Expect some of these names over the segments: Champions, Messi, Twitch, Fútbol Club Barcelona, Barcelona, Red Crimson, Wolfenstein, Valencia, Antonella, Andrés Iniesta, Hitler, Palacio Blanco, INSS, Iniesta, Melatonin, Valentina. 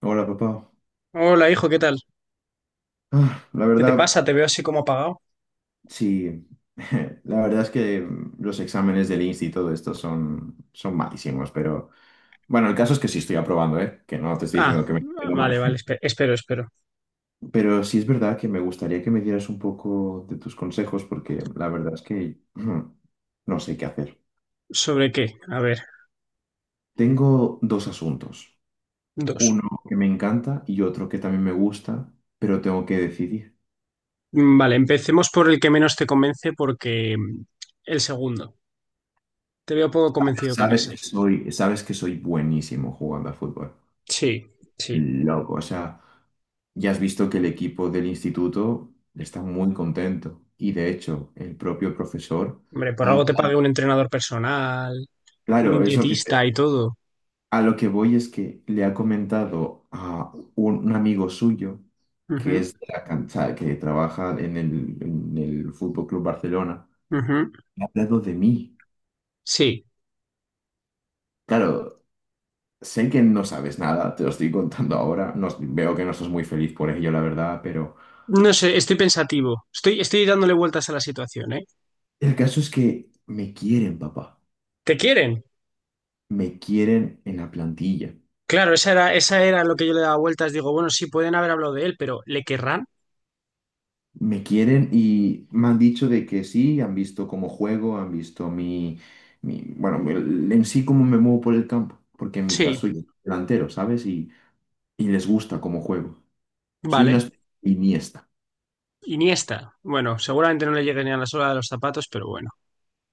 Hola, papá. Hola, hijo, ¿qué tal? Ah, la ¿Qué te verdad, pasa? Te veo así como apagado. sí. La verdad es que los exámenes del INSS y todo esto son malísimos, pero bueno, el caso es que sí estoy aprobando, ¿eh? Que no te estoy Ah, diciendo que me tengo mal. vale, vale, espero. Pero sí es verdad que me gustaría que me dieras un poco de tus consejos, porque la verdad es que no sé qué hacer. ¿Sobre qué? A ver, Tengo dos asuntos. dos. Uno que me encanta y otro que también me gusta, pero tengo que decidir. Vale, empecemos por el que menos te convence porque el segundo. Te veo poco convencido con ese. Sabes que soy buenísimo jugando a fútbol. Sí, sí. Loco, o sea, ya has visto que el equipo del instituto está muy contento y de hecho el propio profesor Hombre, por ha algo te hablado. pague un entrenador personal, un Claro, es lo que te- dietista y todo. a lo que voy es que le ha comentado a un amigo suyo que Ujú, es de la cancha, que trabaja en el Fútbol Club Barcelona, ujú. le ha hablado de mí. Sí. Claro, sé que no sabes nada, te lo estoy contando ahora, veo que no estás muy feliz por ello, la verdad, pero No sé, estoy pensativo. Estoy dándole vueltas a la situación, ¿eh? el caso es que me quieren, papá. ¿Te quieren? Me quieren en la plantilla. Claro, esa era lo que yo le daba vueltas. Digo, bueno, sí, pueden haber hablado de él, pero ¿le querrán? Me quieren y me han dicho de que sí, han visto cómo juego, han visto bueno, en sí cómo me muevo por el campo, porque en mi Sí, caso yo soy delantero, ¿sabes? Y les gusta cómo juego. Soy una vale. especie de Iniesta, Iniesta. Bueno, seguramente no le llegue ni a la sola de los zapatos, pero bueno.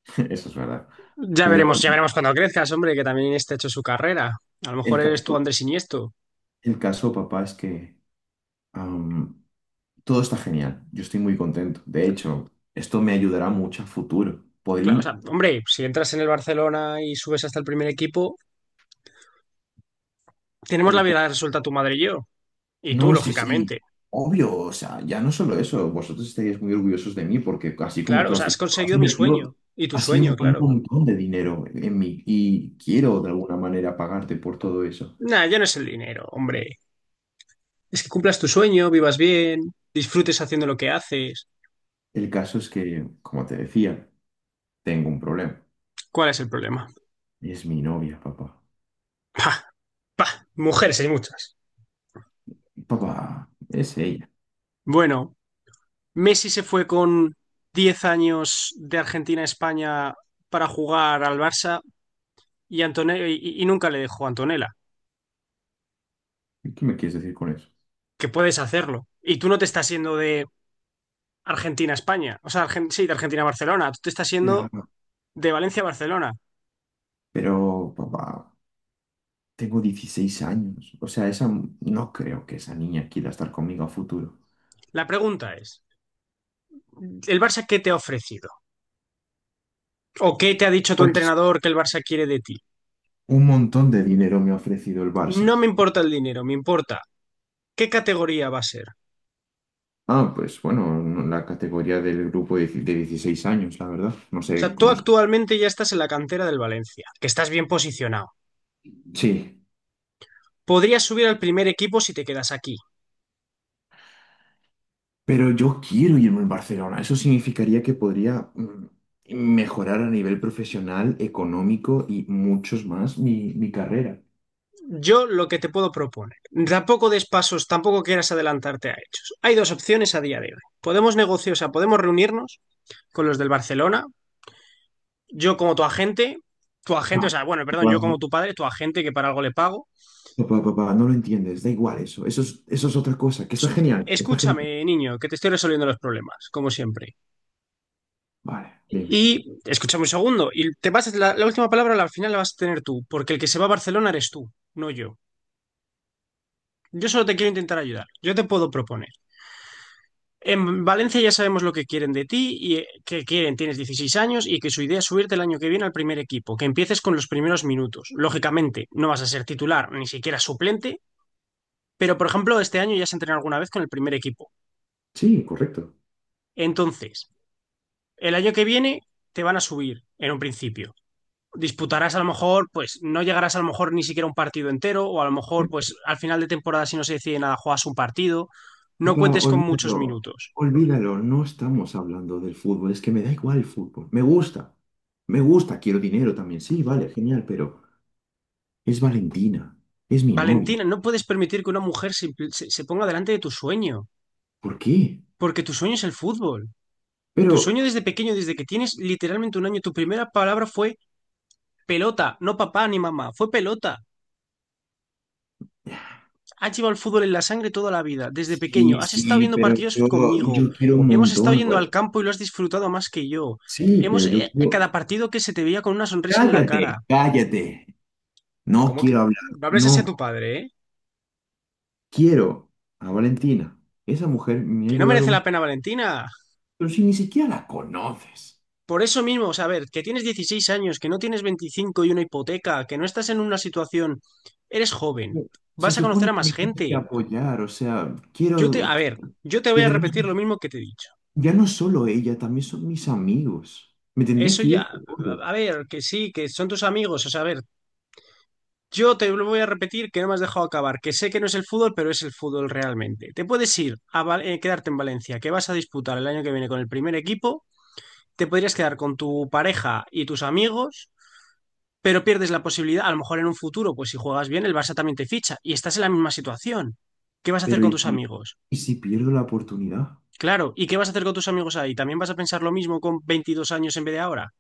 eso es verdad. Pero Ya veremos cuando crezcas, hombre, que también Iniesta ha hecho su carrera. A lo el mejor eres tú caso, Andrés Iniesto. el caso, papá, es que am, todo está genial. Yo estoy muy contento. De hecho, esto me ayudará mucho a futuro. Claro, o Podría... sea, hombre, si entras en el Barcelona y subes hasta el primer equipo, tenemos la vida resuelta tu madre y yo. Y tú, No, sí, sí, lógicamente. obvio, o sea, ya no solo eso, vosotros estaríais muy orgullosos de mí porque así como Claro, tú o has sea, has dicho, has conseguido mi sueño. invertido, Y tu has sido sueño, un claro. montón de dinero en mí y quiero de alguna manera pagarte por todo eso. Nah, ya no es el dinero, hombre. Es que cumplas tu sueño, vivas bien, disfrutes haciendo lo que haces. El caso es que, como te decía, tengo un problema. ¿Cuál es el problema? Es mi novia, papá. Pa, pa, mujeres hay muchas. Papá, es ella. Bueno, Messi se fue con 10 años de Argentina a España para jugar al Barça y, y nunca le dejó a Antonella, ¿Qué me quieres decir con eso? que puedes hacerlo. Y tú no te estás yendo de Argentina a España, o sea, sí, de Argentina a Barcelona, tú te estás Ya. yendo de Valencia a Barcelona. Pero, papá, tengo 16 años. O sea, no creo que esa niña quiera estar conmigo a futuro. La pregunta es, ¿el Barça qué te ha ofrecido? ¿O qué te ha dicho tu Pues entrenador que el Barça quiere de ti? un montón de dinero me ha ofrecido el No Barça. me importa el dinero, me importa qué categoría va a ser. Ah, pues bueno, la categoría del grupo de 16 años, la verdad. No O sé sea, tú cómo... se- actualmente ya estás en la cantera del Valencia, que estás bien posicionado. Sí, Podrías subir al primer equipo si te quedas aquí. pero yo quiero irme al Barcelona. Eso significaría que podría mejorar a nivel profesional, económico y muchos más mi carrera. Yo lo que te puedo proponer. Tampoco des pasos, tampoco quieras adelantarte a hechos. Hay dos opciones a día de hoy. Podemos negociar, o sea, podemos reunirnos con los del Barcelona, yo como tu agente, o No, sea, bueno, perdón, papá, yo como tu padre, tu agente que para algo le pago. papá, papá, no lo entiendes. Da igual eso. Eso es otra cosa, que está genial. Está genial. Escúchame, niño, que te estoy resolviendo los problemas, como siempre. Vale, Y dime. escúchame un segundo, y te vas la última palabra al final la vas a tener tú, porque el que se va a Barcelona eres tú, no yo. Yo solo te quiero intentar ayudar. Yo te puedo proponer. En Valencia ya sabemos lo que quieren de ti y que quieren, tienes 16 años y que su idea es subirte el año que viene al primer equipo, que empieces con los primeros minutos. Lógicamente, no vas a ser titular, ni siquiera suplente, pero por ejemplo, este año ya se entrenado alguna vez con el primer equipo. Sí, correcto. Entonces, el año que viene te van a subir en un principio. Disputarás a lo mejor, pues no llegarás a lo mejor ni siquiera a un partido entero, o a lo mejor, pues al final de temporada, si no se decide nada, juegas un partido. No Papá, cuentes con muchos olvídalo, minutos. olvídalo, no estamos hablando del fútbol, es que me da igual el fútbol, me gusta, quiero dinero también, sí, vale, genial, pero es Valentina, es mi novia, Valentina, no puedes permitir que una mujer se ponga delante de tu sueño, ¿por qué? porque tu sueño es el fútbol. Tu Pero, sueño desde pequeño, desde que tienes literalmente un año, tu primera palabra fue pelota, no papá ni mamá, fue pelota. Has llevado el fútbol en la sangre toda la vida, desde pequeño. sí, Has estado sí, viendo pero partidos yo, conmigo. yo quiero un Hemos estado montón, yendo al vale. campo y lo has disfrutado más que yo. Sí, Hemos, pero yo quiero, cada partido que se te veía con una sonrisa en la cara. cállate, cállate, no ¿Cómo que quiero hablar, no hables así a no, tu padre, ¿eh? quiero a Valentina, esa mujer me ha Que no ayudado, merece la mucho, pena, Valentina. pero si ni siquiera la conoces. Por eso mismo, o sea, a ver, que tienes 16 años, que no tienes 25 y una hipoteca, que no estás en una situación, eres joven, Se vas a conocer supone a que más me tienes gente. que apoyar, o sea, Yo te, quiero... a ver, yo te Y voy a además, repetir lo mismo que te he dicho. ya no solo ella, también son mis amigos. Me tendría Eso que ir ya, de todo. a ver, que sí, que son tus amigos, o sea, a ver, yo te lo voy a repetir que no me has dejado acabar, que sé que no es el fútbol, pero es el fútbol realmente. Te puedes ir a quedarte en Valencia, que vas a disputar el año que viene con el primer equipo, te podrías quedar con tu pareja y tus amigos pero pierdes la posibilidad, a lo mejor en un futuro, pues si juegas bien, el Barça también te ficha y estás en la misma situación. ¿Qué vas a hacer Pero con tus amigos? y si pierdo la oportunidad? Claro, ¿y qué vas a hacer con tus amigos ahí? ¿También vas a pensar lo mismo con 22 años en vez de ahora?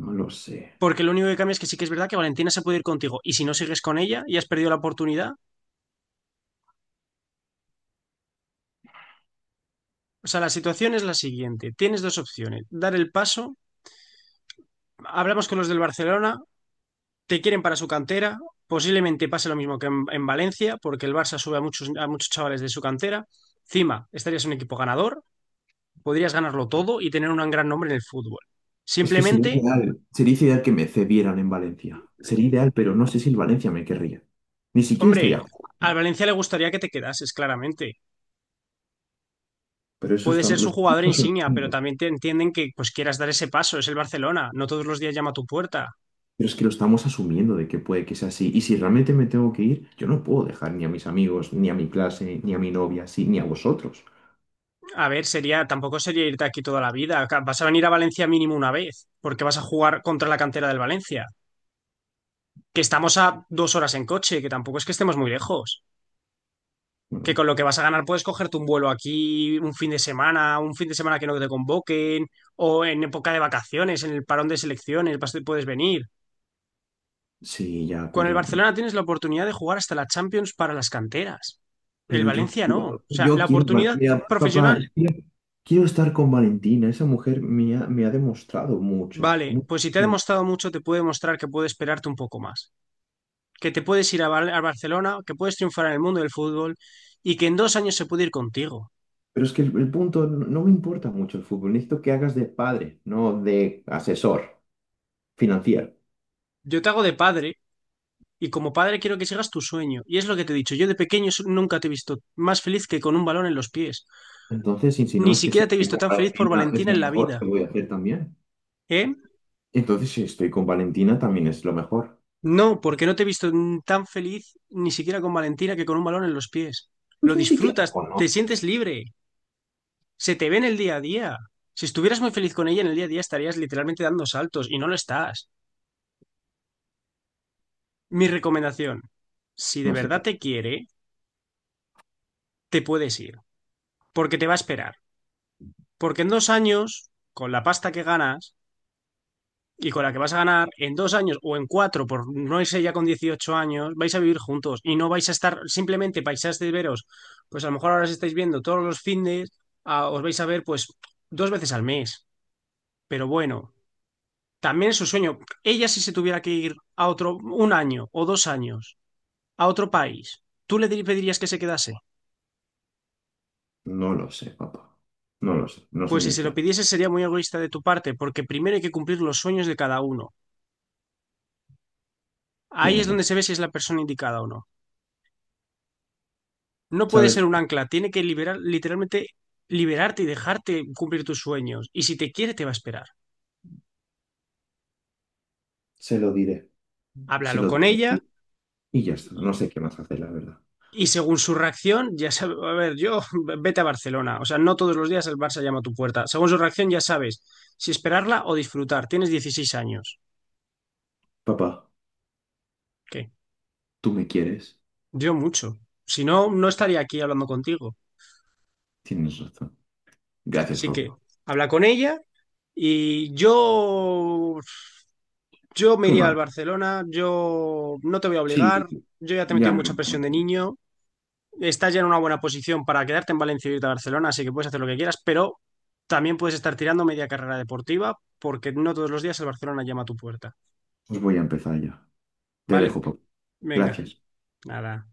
No lo sé. Porque lo único que cambia es que sí que es verdad que Valentina se puede ir contigo y si no sigues con ella y has perdido la oportunidad. O sea, la situación es la siguiente. Tienes dos opciones. Dar el paso. Hablamos con los del Barcelona. Te quieren para su cantera. Posiblemente pase lo mismo que en Valencia porque el Barça sube a muchos chavales de su cantera. Encima, estarías en un equipo ganador podrías ganarlo todo y tener un gran nombre en el fútbol. Es que sería Simplemente, ideal. Sería ideal que me cedieran en Valencia. Sería ideal, pero no sé si el Valencia me querría. Ni siquiera estaría hombre, jugando. al Valencia le gustaría que te quedases, claramente. Pero eso Puede ser estamos, lo su jugador estamos insignia, pero asumiendo. también te entienden que pues quieras dar ese paso, es el Barcelona, no todos los días llama a tu puerta. Pero es que lo estamos asumiendo de que puede que sea así. Y si realmente me tengo que ir, yo no puedo dejar ni a mis amigos, ni a mi clase, ni a mi novia, así, ni a vosotros. A ver, sería, tampoco sería irte aquí toda la vida, acá vas a venir a Valencia mínimo una vez, porque vas a jugar contra la cantera del Valencia, que estamos a 2 horas en coche, que tampoco es que estemos muy lejos. Que Bueno, con lo que vas a ganar puedes cogerte un vuelo aquí un fin de semana, un fin de semana que no te convoquen, o en época de vacaciones, en el parón de selecciones, puedes venir. sí, ya, Con el pero, Barcelona tienes la oportunidad de jugar hasta la Champions para las canteras. El pero Valencia no. O sea, yo la quiero, oportunidad mira, papá, profesional, es que yo quiero estar con Valentina. Esa mujer me ha demostrado mucho, vale, pues si te ha muchísimo. demostrado mucho, te puede demostrar que puede esperarte un poco más. Que te puedes ir a Barcelona, que puedes triunfar en el mundo del fútbol y que en 2 años se puede ir contigo. Pero es que el punto, no, no me importa mucho el fútbol. Necesito que hagas de padre, no de asesor financiero. Yo te hago de padre. Y como padre quiero que sigas tu sueño. Y es lo que te he dicho, yo de pequeño nunca te he visto más feliz que con un balón en los pies. Entonces, si no Ni es que si siquiera te he estoy visto con tan feliz por Valentina es Valentina en lo la mejor vida. que voy a hacer también. ¿Eh? Entonces, si estoy con Valentina también es lo mejor. No, porque no te he visto tan feliz ni siquiera con Valentina que con un balón en los pies. Pues Lo ni siquiera disfrutas, te sientes conoces. libre, se te ve en el día a día. Si estuvieras muy feliz con ella en el día a día estarías literalmente dando saltos y no lo estás. Mi recomendación, si de No sé verdad qué. te quiere, te puedes ir, porque te va a esperar. Porque en 2 años, con la pasta que ganas, y con la que vas a ganar en 2 años o en cuatro, por no irse ya con 18 años, vais a vivir juntos y no vais a estar simplemente paisas de veros, pues a lo mejor ahora os estáis viendo todos los fines, os vais a ver pues 2 veces al mes, pero bueno, también es su sueño. Ella si se tuviera que ir a otro, un año o 2 años, a otro país, ¿tú le pedirías que se quedase? No lo sé, papá. No lo sé. No sé Pues si ni se lo qué. pidiese sería muy egoísta de tu parte, porque primero hay que cumplir los sueños de cada uno. Ahí es Tienes donde razón. se ve si es la persona indicada o no. No puede ser ¿Sabes? un ancla, tiene que liberar, literalmente liberarte y dejarte cumplir tus sueños. Y si te quiere, te va a esperar. Se lo diré, se Háblalo lo con diré. ella Y ya está, no sé qué más hacer, la verdad. y según su reacción, ya sabes, a ver, yo, vete a Barcelona. O sea, no todos los días el Barça llama a tu puerta. Según su reacción, ya sabes si esperarla o disfrutar. Tienes 16 años. Papá, ¿Qué? tú me quieres, Yo mucho. Si no, no estaría aquí hablando contigo. tienes razón. Gracias Así por... que habla con ella y yo me Tú iría no. al Barcelona, yo no te voy a Sí, obligar, yo ya te he ya metido me... mucha presión de niño, estás ya en una buena posición para quedarte en Valencia y irte a Barcelona, así que puedes hacer lo que quieras, pero también puedes estar tirando media carrera deportiva porque no todos los días el Barcelona llama a tu puerta, Pues voy a empezar ya. Te dejo, ¿vale? papá. Venga, Gracias. nada.